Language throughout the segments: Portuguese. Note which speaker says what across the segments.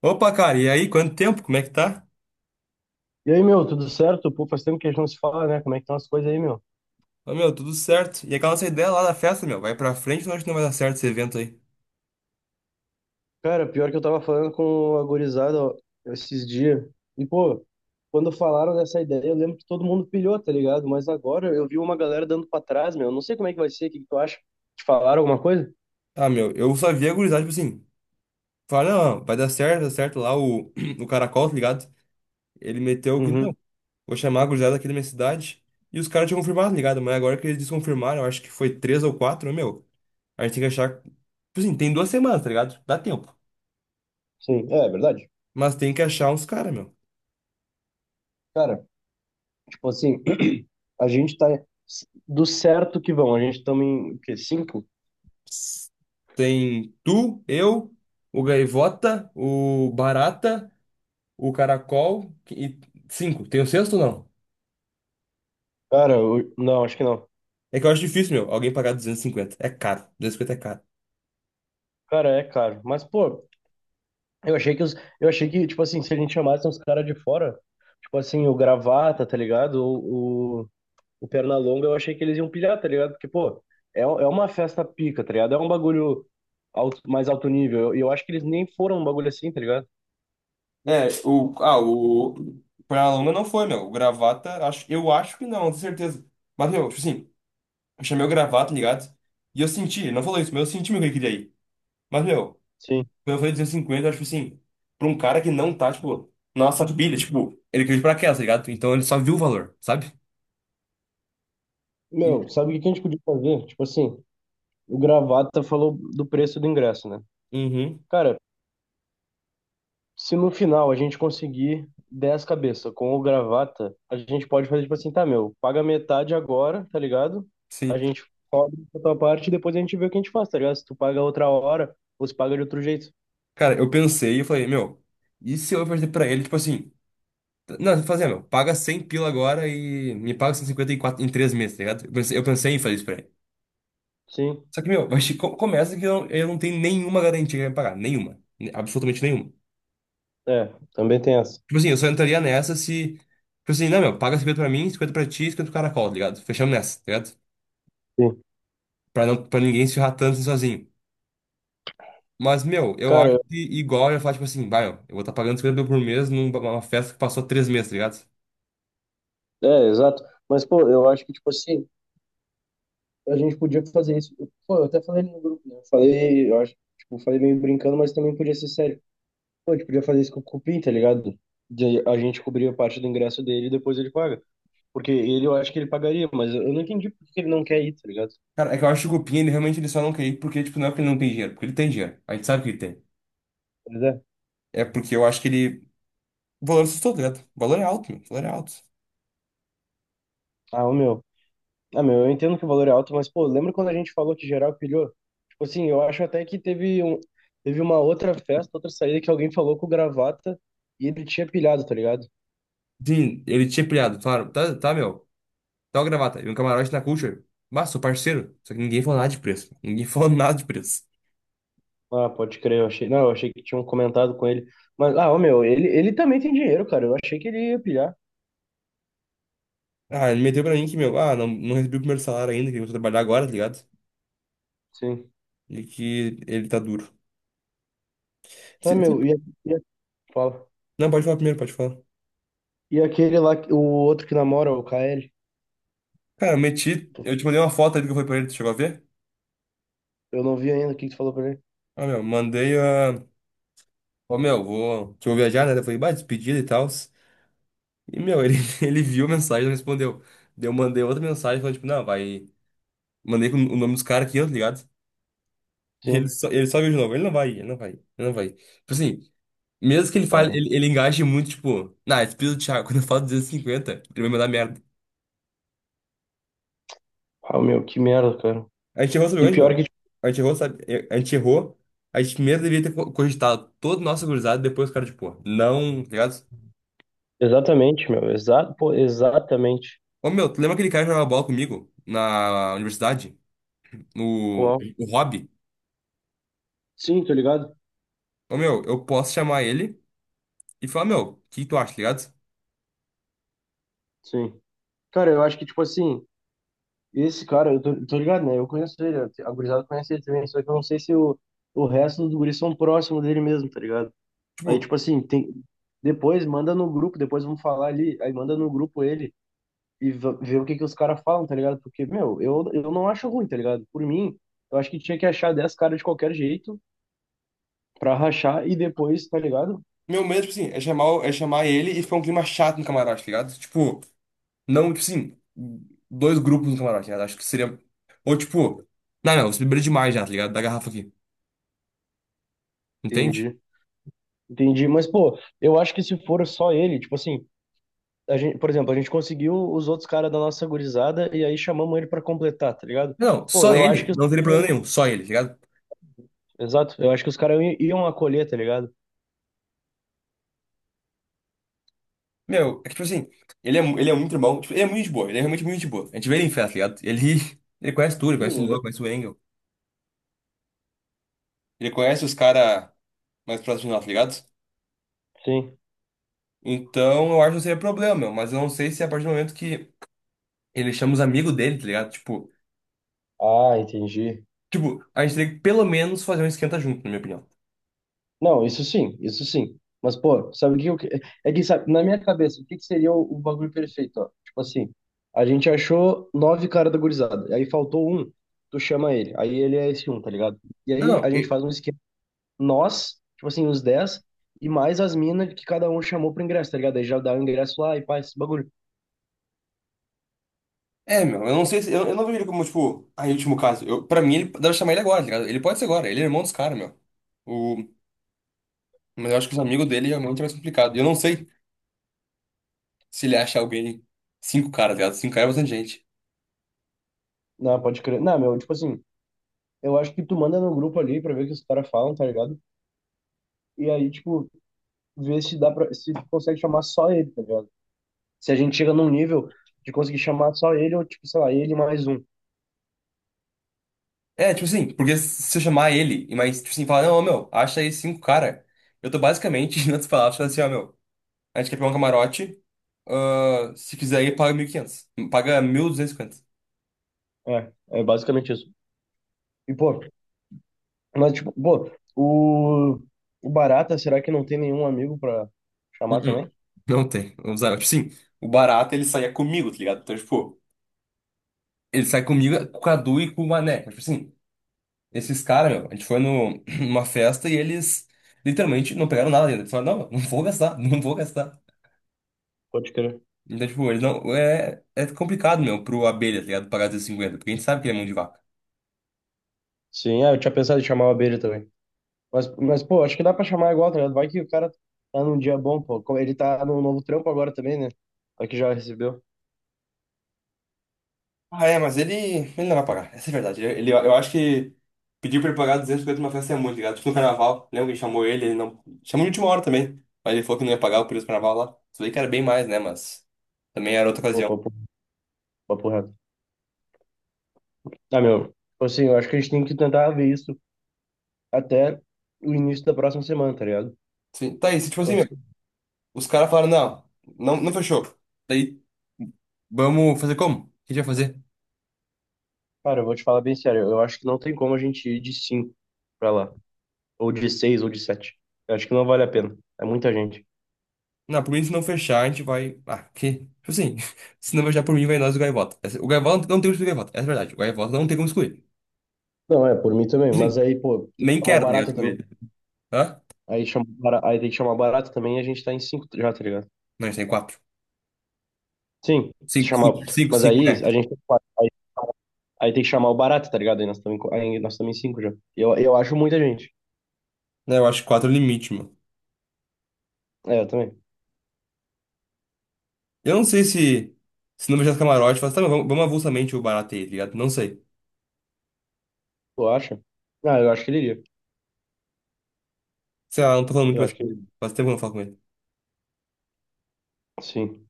Speaker 1: Opa, cara, e aí, quanto tempo? Como é que tá?
Speaker 2: E aí, meu, tudo certo? Pô, faz tempo que a gente não se fala, né? Como é que estão as coisas aí, meu?
Speaker 1: Ô, meu, tudo certo. E aquela nossa ideia lá da festa, meu, vai pra frente, ou acho que não vai dar certo esse evento aí.
Speaker 2: Cara, pior que eu tava falando com a gurizada ó, esses dias. E, pô, quando falaram dessa ideia, eu lembro que todo mundo pilhou, tá ligado? Mas agora eu vi uma galera dando pra trás, meu. Não sei como é que vai ser, o que que tu acha? Te falaram alguma coisa?
Speaker 1: Ah, meu, eu só vi a gurizada, tipo assim, fala, não, não, vai dar certo, dá certo lá o, o Caracol, tá ligado? Ele meteu que
Speaker 2: Uhum.
Speaker 1: não, vou chamar a gurizada aqui da minha cidade. E os caras tinham confirmado, tá ligado? Mas agora que eles desconfirmaram, eu acho que foi três ou quatro, né, meu, a gente tem que achar, tipo assim, tem 2 semanas, tá ligado? Dá tempo.
Speaker 2: Sim, é verdade.
Speaker 1: Mas tem que achar uns caras, meu.
Speaker 2: Cara, tipo assim, a gente tá do certo que vão. A gente estamos em, o quê? Cinco?
Speaker 1: Tem tu, eu, o Gaivota, o Barata, o Caracol e cinco. Tem o sexto ou não?
Speaker 2: Cara, não, acho que não.
Speaker 1: É que eu acho difícil, meu, alguém pagar 250. É caro. 250 é caro.
Speaker 2: Cara, é caro. Mas, pô, Eu achei que os, eu achei que, tipo assim, se a gente chamasse uns caras de fora, tipo assim, o Gravata, tá ligado? O Pernalonga, eu achei que eles iam pilhar, tá ligado? Porque, pô, é uma festa pica, tá ligado? É um bagulho mais alto nível. E eu acho que eles nem foram um bagulho assim, tá ligado?
Speaker 1: É, o. Ah, o. Pra longa não foi, meu. O Gravata, eu acho que não, não tenho certeza. Mas, meu, tipo assim, eu chamei o Gravata, tá ligado? E eu senti, ele não falou isso, mas eu senti meu que ele queria ir. Mas, meu,
Speaker 2: Sim.
Speaker 1: quando eu falei 250, eu acho assim, pra um cara que não tá, tipo, na nossa pilha, tipo, ele caiu de paraquedas, tá ligado? Então ele só viu o valor, sabe? E-
Speaker 2: Meu, sabe o que que a gente podia fazer? Tipo assim, o Gravata falou do preço do ingresso, né?
Speaker 1: Uhum,
Speaker 2: Cara, se no final a gente conseguir 10 cabeça com o gravata, a gente pode fazer tipo assim, tá, meu, paga metade agora, tá ligado? A
Speaker 1: sim.
Speaker 2: gente cobre a tua parte e depois a gente vê o que a gente faz, tá ligado? Se tu paga outra hora ou se paga de outro jeito.
Speaker 1: Cara, eu pensei e falei, meu, e se eu oferecer pra ele, tipo assim, não, fazer, meu, paga 100 pila agora e me paga 154 em 3 meses, tá ligado? Eu pensei em fazer isso pra ele.
Speaker 2: Sim,
Speaker 1: Só que, meu, vai começa que eu não tenho nenhuma garantia que ele vai me pagar, nenhuma, absolutamente nenhuma.
Speaker 2: é, também tem essa.
Speaker 1: Tipo assim, eu só entraria nessa se, tipo assim, não, meu, paga 50 pra mim, 50 pra ti, 50 pro Caracol, tá ligado? Fechamos nessa, tá ligado?
Speaker 2: Sim.
Speaker 1: Pra, não, pra ninguém se ferrar tanto assim sozinho. Mas, meu, eu acho
Speaker 2: Cara,
Speaker 1: que igual eu ia falar, tipo assim, vai, meu, eu vou estar tá pagando 50 mil por mês numa festa que passou 3 meses, tá ligado?
Speaker 2: é, exato. Mas, pô, eu acho que, tipo assim, a gente podia fazer isso. Pô, eu até falei no grupo, né? Eu falei, eu acho, tipo, falei meio brincando, mas também podia ser sério. Pô, a gente podia fazer isso com o Cupim, tá ligado? A gente cobria parte do ingresso dele e depois ele paga. Porque ele, eu acho que ele pagaria, mas eu não entendi por que ele não quer ir, tá ligado?
Speaker 1: Cara, é que eu acho que o Cupim, ele realmente ele só não quer ir porque, tipo, não é porque ele não tem dinheiro, porque ele tem dinheiro. A gente sabe que ele tem.
Speaker 2: Pois é.
Speaker 1: É porque eu acho que ele. O valor assustou, tá ligado? O valor é alto, meu. O valor é alto.
Speaker 2: Ah, o meu. Ah, meu, eu entendo que o valor é alto, mas, pô, lembra quando a gente falou que geral pilhou? Tipo assim, eu acho até que teve uma outra festa, outra saída que alguém falou com o gravata e ele tinha pilhado, tá ligado?
Speaker 1: Sim, ele tinha pilhado, claro. Tá, tá, meu. Tal gravata. E um camarote na Culture. Bah, sou parceiro. Só que ninguém falou nada de preço. Ninguém falou nada de preço.
Speaker 2: Ah, pode crer, eu achei. Não, eu achei que tinham comentado com ele. Mas, ah, ô, meu, ele também tem dinheiro, cara. Eu achei que ele ia pilhar.
Speaker 1: Ah, ele meteu pra mim que, meu, ah, não, não recebi o primeiro salário ainda, que eu vou trabalhar agora, tá ligado?
Speaker 2: Sim.
Speaker 1: E que ele tá duro.
Speaker 2: Tá,
Speaker 1: Se- se-
Speaker 2: meu, e a- fala.
Speaker 1: Não, pode falar primeiro, pode falar.
Speaker 2: E aquele lá, o outro que namora, o KL.
Speaker 1: Cara, eu meti. Eu te mandei uma foto ali que eu fui pra ele, tu chegou a ver?
Speaker 2: Eu não vi ainda o que que tu falou pra ele.
Speaker 1: Ah, meu, mandei a. Ó, meu, vou. Que eu vou viajar, né? Eu falei, bah, despedida e tal. E, meu, ele, ele viu a mensagem e não respondeu. Daí eu mandei outra mensagem falando, tipo, não, vai. Mandei com o nome dos caras aqui, ó, tá ligado? Ele
Speaker 2: Sim.
Speaker 1: só, ele só viu de novo. Ele não vai ir. Tipo assim, mesmo que ele fale,
Speaker 2: Cara,
Speaker 1: ele engaje muito, tipo, na, despesa do Thiago, quando eu falo 250, ele vai me dar merda.
Speaker 2: ah, meu, que merda, cara.
Speaker 1: A gente errou, sabe
Speaker 2: E
Speaker 1: onde,
Speaker 2: pior
Speaker 1: meu?
Speaker 2: que, tipo,
Speaker 1: A gente errou, sabe? É, a gente errou. A gente mesmo deveria ter cogitado todo o nosso gurizado, depois o cara, tipo, não, tá ligado?
Speaker 2: exatamente, meu. Pô, exatamente.
Speaker 1: Ô, meu, tu lembra aquele cara que jogava bola comigo na universidade? No,
Speaker 2: Qual?
Speaker 1: o Rob?
Speaker 2: Sim, tô ligado?
Speaker 1: Ô, meu, eu posso chamar ele e falar, meu, o que tu acha, tá ligado?
Speaker 2: Sim. Cara, eu acho que, tipo assim, esse cara, eu tô ligado, né? Eu conheço ele, a gurizada conhece ele também, só que eu não sei se o resto dos guris são próximos dele mesmo, tá ligado? Aí,
Speaker 1: Tipo,
Speaker 2: tipo assim, tem. Depois manda no grupo, depois vamos falar ali, aí manda no grupo ele e vê o que que os caras falam, tá ligado? Porque, meu, eu não acho ruim, tá ligado? Por mim, eu acho que tinha que achar 10 caras de qualquer jeito pra rachar e depois, tá ligado?
Speaker 1: meu medo, tipo assim, é chamar ele e ficar um clima chato no camarote, tá ligado? Tipo. Não, tipo assim, dois grupos no camarote, né? Acho que seria. Ou tipo, não, não, você bebeu demais já, tá ligado? Da garrafa aqui. Entende?
Speaker 2: Entendi. Entendi. Mas, pô, eu acho que se for só ele, tipo assim, a gente, por exemplo, a gente conseguiu os outros caras da nossa gurizada e aí chamamos ele pra completar, tá ligado?
Speaker 1: Não,
Speaker 2: Pô,
Speaker 1: só
Speaker 2: eu acho
Speaker 1: ele,
Speaker 2: que os...
Speaker 1: não teria problema nenhum, só ele, tá ligado?
Speaker 2: Exato, eu acho que os caras iam acolher, tá ligado?
Speaker 1: Meu, é que tipo assim, ele é muito irmão, tipo, ele é muito gente boa, ele é realmente muito gente boa. A gente vê ele em festa, tá ligado? Ele, ele conhece tudo, ele
Speaker 2: Sim,
Speaker 1: conhece o Luan,
Speaker 2: exato.
Speaker 1: conhece o Engel. Ele conhece os caras mais próximos de nós, tá ligado?
Speaker 2: Sim.
Speaker 1: Então eu acho que não seria problema, meu, mas eu não sei se é a partir do momento que ele chama os amigos dele, tá ligado? Tipo,
Speaker 2: Ah, entendi.
Speaker 1: tipo, a gente teria que pelo menos fazer um esquenta junto, na minha opinião.
Speaker 2: Não, isso sim, isso sim. Mas, pô, sabe o que eu... que- É que, sabe, na minha cabeça, o que que seria o bagulho perfeito, ó? Tipo assim, a gente achou nove caras da gurizada, aí faltou um, tu chama ele, aí ele é esse um, tá ligado? E
Speaker 1: Não,
Speaker 2: aí
Speaker 1: não.
Speaker 2: a gente faz um esquema nós, tipo assim, os 10 e mais as minas que cada um chamou pro ingresso, tá ligado? Aí já dá o ingresso lá e pá, esse bagulho.
Speaker 1: É, meu, eu não sei se. Eu não vejo ele como, tipo, ah, em último caso. Eu, pra mim, ele deve chamar ele agora, tá ligado? Ele pode ser agora, ele é irmão dos caras, meu. O, mas eu acho que os amigos dele realmente é mais complicado. E eu não sei se ele acha alguém. Cinco caras, tá ligado? Cinco caras é bastante gente.
Speaker 2: Não, pode crer. Não, meu, tipo assim, eu acho que tu manda no grupo ali pra ver o que os caras falam, tá ligado? E aí, tipo, ver se dá se tu consegue chamar só ele, tá ligado? Se a gente chega num nível de conseguir chamar só ele, ou tipo, sei lá, ele mais um.
Speaker 1: É, tipo assim, porque se eu chamar ele, e mais, tipo assim, falar, não, ô, meu, acha aí cinco cara. Eu tô basicamente, em outras palavras, falando assim, ó, meu, a gente quer pegar um camarote. Ah, se quiser aí, paga 1.500. Paga 1.250.
Speaker 2: É basicamente isso. E, pô, mas, tipo, pô, o, o Barata, será que não tem nenhum amigo pra chamar
Speaker 1: Uh-uh.
Speaker 2: também?
Speaker 1: Não tem. Vamos usar. Tipo assim, o Barato ele saía comigo, tá ligado? Então, tipo. Ele sai comigo, com o Cadu e com o Mané. Tipo assim, esses caras, meu, a gente foi no, numa festa e eles literalmente não pegaram nada ainda. Eles falaram, não, não vou gastar, não vou gastar.
Speaker 2: Pode crer.
Speaker 1: Então, tipo, eles não. É complicado, meu, pro Abelha, tá ligado? Pagar 250, porque a gente sabe que ele é mão de vaca.
Speaker 2: Sim, ah, eu tinha pensado em chamar o Abelha também. Mas, pô, acho que dá pra chamar igual, tá ligado? Vai que o cara tá num dia bom, pô. Como ele tá num novo trampo agora também, né? Vai que já recebeu.
Speaker 1: Ah, é, mas ele não vai pagar. Essa é a verdade. Eu acho que pedir pra ele pagar 250 numa festa é muito, tá ligado? Tipo no carnaval. Lembra que chamou ele? Ele não. Chamou de última hora também. Mas ele falou que não ia pagar o preço do carnaval lá. Isso aí que era bem mais, né? Mas também era outra
Speaker 2: Pô,
Speaker 1: ocasião.
Speaker 2: papo reto. Tá, meu. Tipo assim, eu acho que a gente tem que tentar ver isso até o início da próxima semana, tá ligado?
Speaker 1: Sim. Tá aí, se tipo
Speaker 2: Tipo
Speaker 1: assim,
Speaker 2: assim,
Speaker 1: meu. Os caras falaram, não, não, não fechou. Daí, vamos fazer como? O que a gente vai fazer?
Speaker 2: cara, eu vou te falar bem sério. Eu acho que não tem como a gente ir de cinco pra lá. Ou de seis, ou de sete. Eu acho que não vale a pena. É muita gente.
Speaker 1: Não, por mim, se não fechar, a gente vai. Ah, que. Tipo assim, se não fechar por mim, vai nós e o Gaivota. O Gaivota não tem como excluir o Gaivota, essa é a verdade. O Gaivota não tem como excluir.
Speaker 2: Não, é, por mim também. Mas
Speaker 1: Tipo assim,
Speaker 2: aí, pô, tem que
Speaker 1: nem
Speaker 2: chamar o
Speaker 1: quero, tá ligado,
Speaker 2: barata
Speaker 1: com
Speaker 2: também.
Speaker 1: ele. Hã?
Speaker 2: Aí, chama, aí tem que chamar o barata também e a gente tá em cinco já, tá ligado?
Speaker 1: Não, a gente tem quatro.
Speaker 2: Sim, se
Speaker 1: Cinco,
Speaker 2: chamar.
Speaker 1: cinco, cinco,
Speaker 2: Mas
Speaker 1: cinco,
Speaker 2: aí
Speaker 1: é.
Speaker 2: a gente tem quatro, aí tem que chamar o barato, tá ligado? Aí nós estamos em cinco já. E eu acho muita gente.
Speaker 1: Não, eu acho que quatro é o limite, mano.
Speaker 2: É, eu também.
Speaker 1: Eu não sei se. Se não fechar os camarotes, fala, tá, mas vamos avulsamente o Barato aí, tá ligado? Não sei.
Speaker 2: Tu acha? Ah, eu acho que ele iria.
Speaker 1: Sei lá, não tô falando muito
Speaker 2: Eu
Speaker 1: mais
Speaker 2: acho
Speaker 1: com ele.
Speaker 2: que
Speaker 1: Faz tempo que eu não falo com ele.
Speaker 2: sim.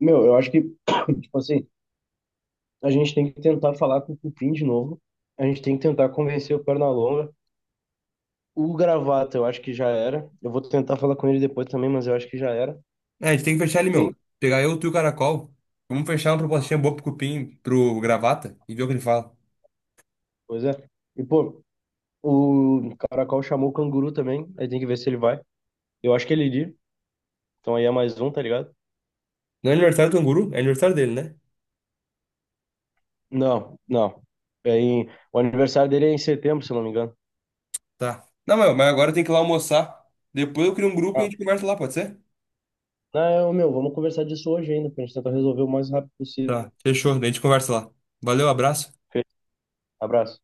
Speaker 2: Meu, eu acho que, tipo assim, a gente tem que tentar falar com o Cupim de novo. A gente tem que tentar convencer o Pernalonga. O Gravata, eu acho que já era. Eu vou tentar falar com ele depois também, mas eu acho que já era.
Speaker 1: É, a gente tem que fechar ele,
Speaker 2: Tem,
Speaker 1: meu. Pegar eu, tu e o Caracol. Vamos fechar uma propostinha boa pro Cupim, pro Gravata, e ver o que ele fala.
Speaker 2: pois é. E, pô, o Caracol chamou o Canguru também. Aí tem que ver se ele vai. Eu acho que ele iria. Então aí é mais um, tá ligado?
Speaker 1: Não é aniversário do Canguru? É aniversário dele, né?
Speaker 2: Não, não. O aniversário dele é em setembro, se eu não me engano.
Speaker 1: Tá. Não, meu, mas agora tem que ir lá almoçar. Depois eu crio um grupo e a
Speaker 2: Ah,
Speaker 1: gente conversa lá, pode ser?
Speaker 2: não, meu, vamos conversar disso hoje ainda, pra gente tentar resolver o mais rápido possível.
Speaker 1: Tá, fechou. Daí a gente conversa lá. Valeu, abraço.
Speaker 2: Fe- Abraço.